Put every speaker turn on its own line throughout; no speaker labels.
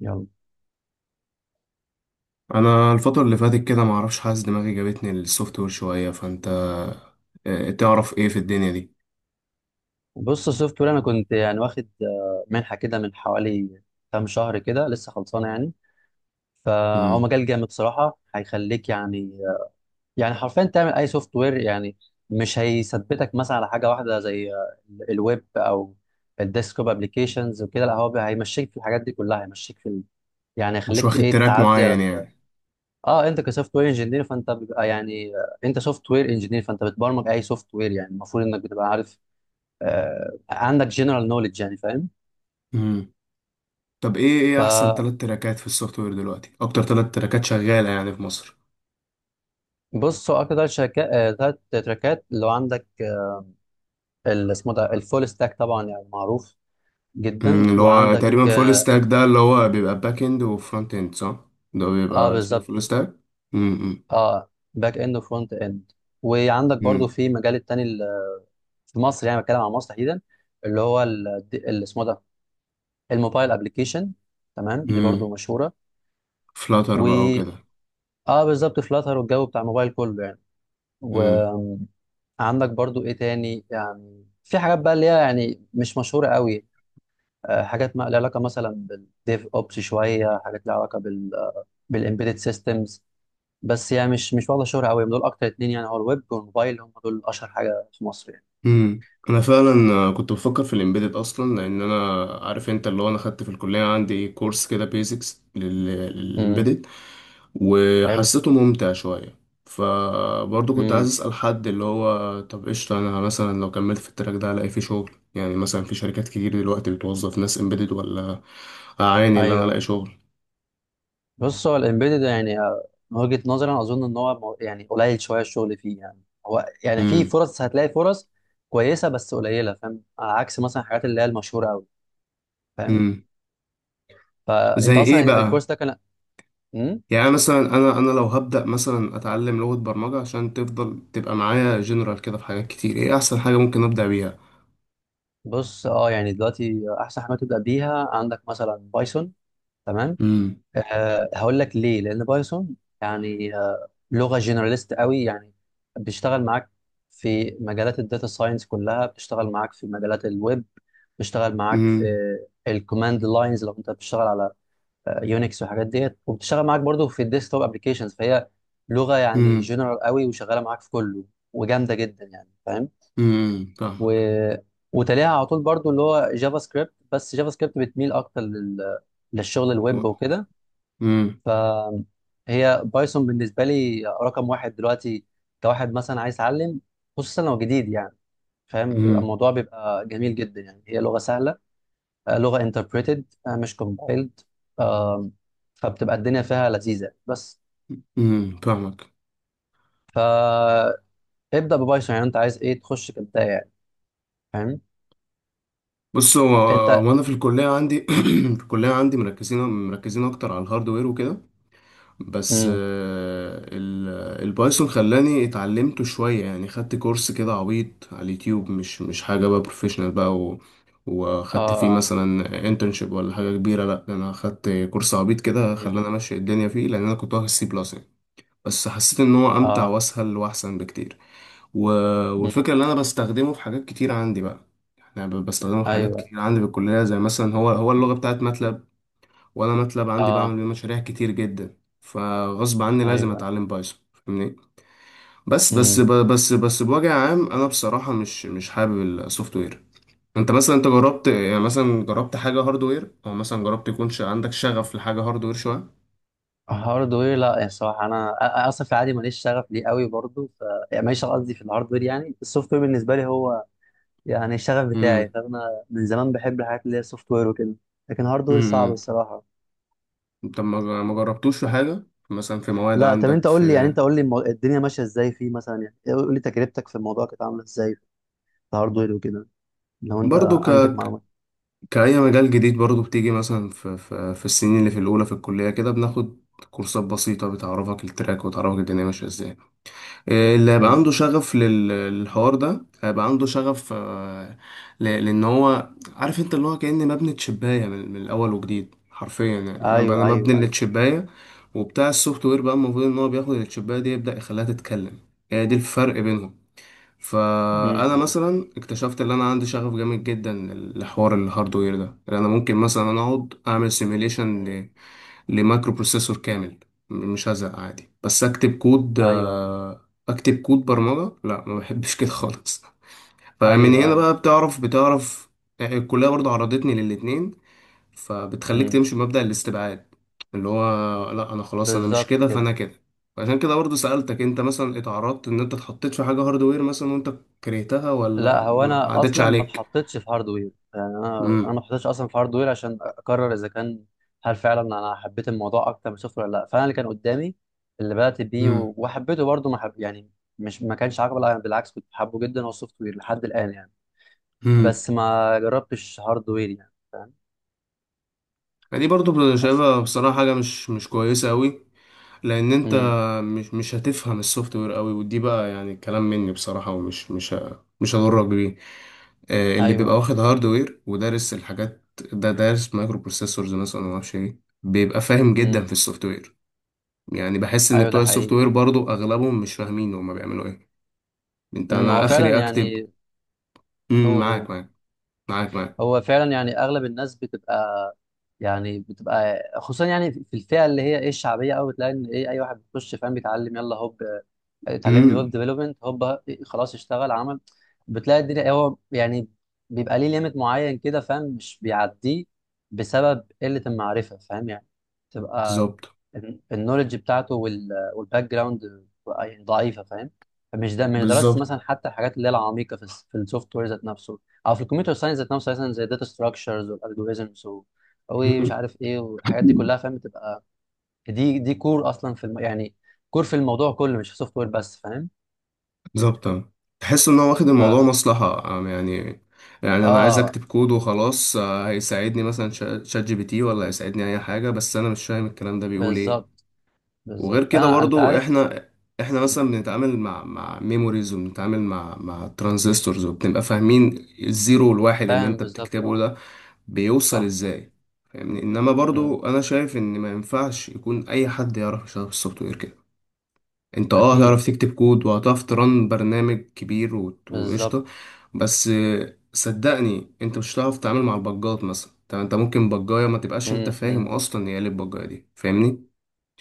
يلا.
انا الفتره اللي فاتت كده، ما اعرفش، حاسس دماغي جابتني للسوفت وير شويه. فانت تعرف ايه في الدنيا دي؟
بص، السوفت وير انا كنت يعني واخد منحه كده من حوالي كام شهر كده لسه خلصانه يعني. فهو
مم.
مجال جامد صراحه هيخليك يعني حرفيا تعمل اي سوفت وير يعني. مش هيثبتك مثلا على حاجه واحده زي الويب او الديسكتوب ابلكيشنز وكده، لا هو هيمشيك في الحاجات دي كلها، هيمشيك في يعني
مش
هيخليك
واخد
ايه
تراك
تعدي على
معين
ال...
يعني.
اه انت كسوفت وير انجينير، فانت بيبقى انت سوفت وير انجينير، فانت بتبرمج اي سوفت وير، يعني المفروض انك بتبقى عارف، عندك جنرال نوليدج، يعني فاهم.
مم. طب ايه احسن
فبص،
ثلاث تراكات في السوفت وير دلوقتي؟ اكتر ثلاث تراكات شغاله يعني في مصر؟
هو اكتر ثلاث تراكات اللي هو عندك، اللي اسمه ده الفول ستاك، طبعا يعني معروف
مم.
جدا.
اللي هو
وعندك
تقريبا فول
اه،
ستاك، ده اللي هو بيبقى باك اند وفرونت اند، صح؟ ده بيبقى اسمه فول
بالظبط.
ستاك. امم.
اه، باك اند وفرونت اند. وعندك برضو
امم.
في مجال التاني، في مصر، يعني بتكلم عن مصر تحديدا، اللي هو اللي اسمه ده الموبايل ابلكيشن. تمام، دي
امم.
برضو مشهوره.
فلاتر
و
بقى وكده.
اه، بالظبط، فلاتر والجو بتاع الموبايل كله يعني. عندك برضو ايه تاني، يعني في حاجات بقى اللي هي يعني مش مشهوره قوي، حاجات ما لها علاقه مثلا بالديف اوبس، شويه حاجات لها علاقه بالامبيدد سيستمز، بس يعني مش واخده شهره قوي. دول اكتر اتنين يعني، هو الويب والموبايل هم دول اشهر حاجه في مصر يعني.
امم. انا فعلا كنت بفكر في الامبيدد اصلا، لان انا عارف انت اللي هو، انا خدت في الكليه عندي كورس كده بيزكس
امم.
للامبيدد
حلو.
وحسيته ممتع شويه. فبرضه كنت عايز
امم.
اسال حد اللي هو، طب قشطه، انا مثلا لو كملت في التراك ده هلاقي فيه شغل يعني؟ مثلا في شركات كتير دلوقتي بتوظف ناس امبيدد ولا؟ اعاني اللي انا الاقي
ايوه.
شغل.
بص، هو الامبيدد يعني من وجهه نظري انا اظن ان هو يعني قليل شويه الشغل فيه يعني. هو يعني في
امم.
فرص، هتلاقي فرص كويسه بس قليله، فاهم، على عكس مثلا الحاجات اللي هي المشهوره قوي، فاهم.
امم.
فانت
زي
اصلا
ايه بقى؟
الكورس ده كان؟ مم؟
يعني أنا مثلا انا لو هبدأ مثلا اتعلم لغة برمجة عشان تفضل تبقى معايا جنرال كده في حاجات كتير، ايه احسن حاجة ممكن ابدأ بيها؟
بص اه، يعني دلوقتي احسن حاجه تبدا بيها عندك مثلا بايثون، تمام.
امم.
أه هقول لك ليه، لان بايثون يعني لغه جنراليست قوي يعني، بتشتغل معاك في مجالات الداتا ساينس كلها، بتشتغل معاك في مجالات الويب، بتشتغل معاك في
امم.
الكوماند لاينز لو انت بتشتغل على يونكس والحاجات ديت، وبتشتغل معاك برضو في الديسكتوب ابلكيشنز. فهي لغه يعني
امم.
جنرال قوي وشغاله معاك في كله، وجامده جدا يعني، فاهم.
امم.
و...
فاهمك.
وتلاقيها على طول برضو اللي هو جافا سكريبت، بس جافا سكريبت بتميل اكتر للشغل الويب وكده.
امم.
فهي بايثون بالنسبه لي رقم واحد دلوقتي، كواحد مثلا عايز يتعلم، خصوصا لو جديد يعني، فاهم. بيبقى
امم.
الموضوع بيبقى جميل جدا يعني، هي لغه سهله، لغه انتربريتد مش كومبايلد، فبتبقى الدنيا فيها لذيذه. بس
امم. فاهمك.
فابدا ببايثون، يعني انت عايز ايه تخش كبدايه يعني، فاهم.
بص هو
انت.
هو انا في الكلية عندي في الكلية عندي مركزين اكتر على الهاردوير وكده. بس
امم.
البايثون خلاني اتعلمته شوية. يعني خدت كورس كده عبيط على اليوتيوب، مش حاجة بقى بروفيشنال بقى،
اه.
وخدت فيه
اه.
مثلا انترنشيب ولا حاجة كبيرة. لا، ده انا خدت كورس عبيط كده
مم.
خلاني امشي الدنيا فيه، لان انا كنت واخد سي بلس يعني. بس حسيت ان هو امتع
اه.
واسهل واحسن بكتير. و... والفكرة اللي انا بستخدمه في حاجات كتير عندي بقى. انا بستخدمه في حاجات
ايوه.
كتير عندي بالكلية، زي مثلا هو اللغة بتاعت ماتلاب. وانا ماتلاب عندي بعمل
اه.
بيه مشاريع كتير جدا، فغصب عني لازم
ايوه.
اتعلم بايثون، فاهمني؟ بس بس
امم.
ب- بس بس بوجه عام، انا بصراحه مش حابب السوفت وير. انت مثلا، انت جربت يعني، مثلا جربت حاجه هاردوير، او مثلا جربت يكون عندك شغف لحاجه هاردوير شويه؟
هاردوير لا، يعني الصراحه انا اصلا في العادي ماليش شغف ليه قوي برضه. يعني ماليش شغف، قصدي في الهاردوير، يعني السوفت وير بالنسبه لي هو يعني الشغف بتاعي.
امم.
فانا من زمان بحب الحاجات اللي هي سوفت وير وكده، لكن هاردوير صعب
امم.
الصراحه.
طب ما جربتوش في حاجه مثلا في مواد
لا طب انت
عندك
قول لي يعني،
في.
انت قول لي الدنيا ماشيه ازاي فيه، مثلا يعني قول لي تجربتك في الموضوع كانت عامله ازاي في الهاردوير وكده، لو انت
برضو
عندك معلومات.
كأي مجال جديد، برضو بتيجي مثلا في السنين اللي في الأولى في الكلية، كده بناخد كورسات بسيطة بتعرفك التراك وتعرفك الدنيا ماشية ازاي. اللي هيبقى
امم.
عنده شغف للحوار ده هيبقى عنده شغف. لان هو، عارف انت اللي هو، كأني مبني تشباية من الاول وجديد حرفيا يعني. انا
ايوه
مبني
ايوه ايوه.
للتشباية، وبتاع السوفت وير بقى المفروض ان هو بياخد التشباية دي يبدأ يخليها تتكلم. هي دي الفرق بينهم.
امم.
فانا
أمم.
مثلا اكتشفت ان انا عندي شغف جامد جدا لحوار الهاردوير ده، لان انا ممكن مثلا انا اقعد اعمل
أمم.
سيميليشن لمايكرو بروسيسور كامل. مش هزهق عادي بس اكتب كود
ايوه
آه، اكتب كود برمجة. لا، ما بحبش كده خالص. فمن
ايوه
هنا
ايوه.
بقى بتعرف يعني. الكلية برضه عرضتني للاتنين، فبتخليك
امم.
تمشي بمبدأ الاستبعاد، اللي هو لا، انا خلاص انا مش
بالظبط
كده،
كده.
فانا كده. عشان كده برضه سألتك، انت مثلا اتعرضت ان انت اتحطيت في حاجة هاردوير مثلا وانت كرهتها، ولا
لا، هو
ما
انا
عدتش
اصلا ما
عليك؟
اتحطيتش في هاردوير، يعني انا ما
امم.
اتحطيتش اصلا في هاردوير عشان اقرر اذا كان هل فعلا انا حبيت الموضوع اكتر من السوفت وير ولا لا. فانا اللي كان قدامي، اللي بدات بيه
امم.
و- وحبيته برضه، ما حب يعني، مش ما كانش عاجبه، لا، بالعكس كنت حابه جدا هو السوفت وير لحد الان يعني.
امم.
بس ما جربتش هاردوير يعني، فاهم.
دي برضه
بس.
شايفها بصراحة حاجة مش كويسة أوي، لان انت
امم.
مش هتفهم السوفت وير قوي. ودي بقى يعني كلام مني بصراحه، ومش مش ه- مش هضرك بيه.
ايوه.
اللي بيبقى
أيوه.
واخد هاردوير ودارس الحاجات، ده دارس مايكرو بروسيسورز مثلا، ما اعرفش ايه، بيبقى فاهم جدا
امم.
في السوفت وير. يعني بحس ان
ايوه ده
بتوع السوفت
حقيقي.
وير برضو اغلبهم مش فاهمين هما بيعملوا ايه. انت
امم.
انا
هو فعلا
اخري اكتب.
يعني.
امم.
قول قول.
معاك، معاك، معاك، معاك.
هو فعلا يعني اغلب الناس بتبقى، يعني بتبقى خصوصا يعني في الفئه اللي هي ايه الشعبيه قوي، بتلاقي ان ايه اي واحد بيخش فاهم بيتعلم يلا هوب، اتعلم لي هوب
امم.
ديفلوبمنت هوب، خلاص اشتغل عمل. بتلاقي الدنيا هو يعني بيبقى ليه ليميت معين كده، فاهم، مش بيعديه بسبب قله المعرفه، فاهم يعني، تبقى
بالظبط،
النولج بتاعته والباك جراوند يعني ضعيفه، فاهم. فمش ده مش درست
بالظبط.
مثلا حتى الحاجات اللي هي العميقه في السوفت وير ذات نفسه، او في الكمبيوتر ساينس ذات نفسه، مثلا زي الداتا ستراكشرز والالجوريزمز ومش عارف ايه والحاجات دي كلها، فاهم، بتبقى دي كور اصلا يعني كور في الموضوع كله، مش في السوفت وير بس، فاهم.
بالظبط، آه. تحس ان هو واخد
ف،
الموضوع مصلحة، يعني. يعني انا عايز
اه
اكتب كود وخلاص. هيساعدني مثلا شات جي بي تي، ولا هيساعدني اي حاجة، بس انا مش فاهم الكلام ده بيقول ايه.
بالظبط،
وغير
بالظبط،
كده
انا انت
برضو
عارف،
احنا، احنا مثلا بنتعامل مع ميموريز، وبنتعامل مع ترانزستورز، وبنبقى فاهمين الزيرو والواحد اللي
فاهم
انت
بالظبط.
بتكتبه
اه
ده بيوصل
صح صح.
ازاي، فاهمني؟ انما
مم.
برضو انا شايف ان ما ينفعش يكون اي حد يعرف يشتغل في السوفت وير كده. انت
اكيد.
هتعرف تكتب كود، وهتعرف ترن برنامج كبير، وقشطة.
بالظبط.
بس صدقني، انت مش هتعرف تتعامل مع البجات مثلا. طب انت ممكن بجاية ما تبقاش انت
مم.
فاهم
مم.
اصلا هي ايه البجاية دي، فاهمني؟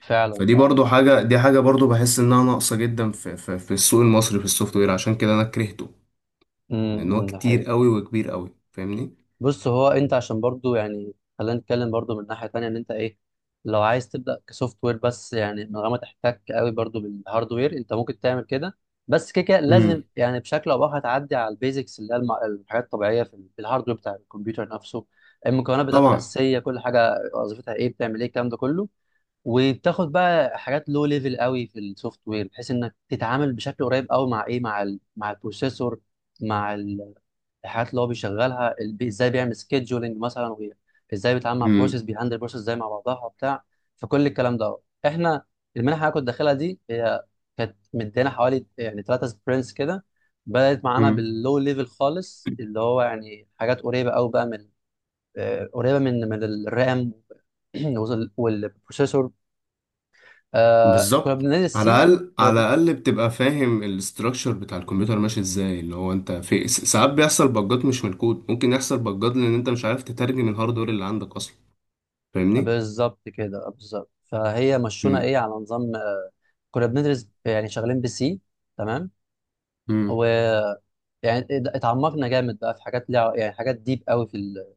فعلا
فدي
فعلا.
برضو حاجة، دي حاجة برضو بحس انها ناقصة جدا في السوق المصري في السوفت وير. عشان كده انا كرهته، لان هو
ده
كتير
حقيقي.
قوي وكبير قوي، فاهمني؟
بص، هو انت عشان برضو يعني خلينا نتكلم برضو من ناحية تانية، ان انت ايه، لو عايز تبدأ كسوفت وير بس يعني من غير ما تحتك قوي برضو بالهاردوير، انت ممكن تعمل كده. بس كده كده لازم
امم.
يعني بشكل او باخر تعدي على البيزكس اللي هي الحاجات الطبيعية في الهاردوير بتاع الكمبيوتر نفسه، المكونات بتاعته
طبعا.
الأساسية، كل حاجة وظيفتها ايه، بتعمل ايه، الكلام ده كله. وبتاخد بقى حاجات لو ليفل قوي في السوفت وير، بحيث انك تتعامل بشكل قريب قوي مع ايه، مع البروسيسور، مع الحاجات اللي هو بيشغلها، ازاي بيعمل سكيدجولينج مثلا، ازاي بيتعامل مع بروسيس، بيهندل بروسيس ازاي مع بعضها وبتاع. فكل الكلام ده، احنا المنحه اللي أنا كنت داخلها دي هي كانت مدينا حوالي يعني ثلاثه سبرنتس كده. بدات معانا
امم.
باللو ليفل خالص، اللي هو يعني حاجات قريبه قوي بقى من، قريبه من الرام والبروسيسور. آه، كنا
بالظبط.
بننزل
على
السي.
الاقل،
كنا
على
بن...
الاقل بتبقى فاهم الاستراكشر بتاع الكمبيوتر ماشي ازاي، اللي هو انت في ساعات بيحصل بجات مش من الكود، ممكن يحصل بجات لان انت مش عارف تترجم الهاردوير اللي عندك اصلا، فاهمني؟
بالظبط كده، بالظبط. فهي مشونا
مم.
ايه على نظام، كنا بندرس يعني شغالين بسي، تمام.
مم.
ويعني اتعمقنا جامد بقى في حاجات ليها يعني حاجات ديب قوي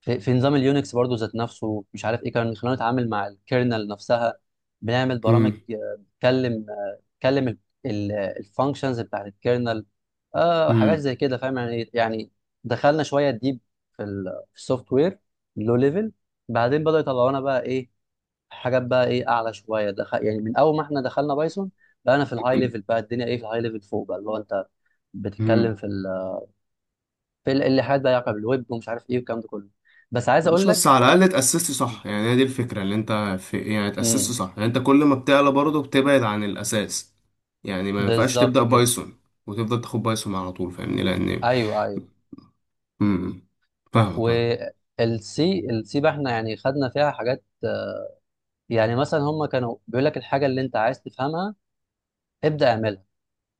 في نظام اليونكس برضو ذات نفسه، مش عارف ايه، كان خلانا نتعامل مع الكيرنل نفسها. بنعمل
مم.
برامج، بتكلم الفانكشنز بتاعت الكيرنل، آه، حاجات
مم.
زي كده، فاهم يعني يعني. دخلنا شويه ديب في السوفت وير لو ليفل. بعدين بدأوا يطلعونا بقى ايه، حاجات بقى ايه اعلى شويه، يعني من اول ما احنا دخلنا بايثون بقى انا في الهاي ليفل، بقى الدنيا ايه في الهاي ليفل فوق، بقى اللي هو انت
مم.
بتتكلم اللي حاجات بقى يعقب بالويب، ومش عارف ايه والكلام ده كله. بس عايز
مش
اقول لك.
بس على الاقل اتاسست صح، يعني هي دي الفكره اللي انت في يعني. اتاسست
امم.
صح، يعني انت كل ما بتعلى برضه بتبعد عن الاساس. يعني ما ينفعش تبدا
بالظبط كده.
بايثون وتفضل تاخد بايثون على طول، فاهمني؟ لان
ايوه ايوه.
مم. فاهمك، فاهم.
والسي، السي بقى احنا يعني خدنا فيها حاجات يعني، مثلا هم كانوا بيقول لك الحاجه اللي انت عايز تفهمها ابدا اعملها،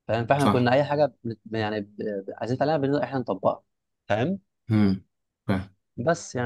فاهم. فاحنا
صح.
كنا اي حاجه عايزين نتعلمها بنبدأ احنا نطبقها، فاهم.
امم. فاهم.
بس يعني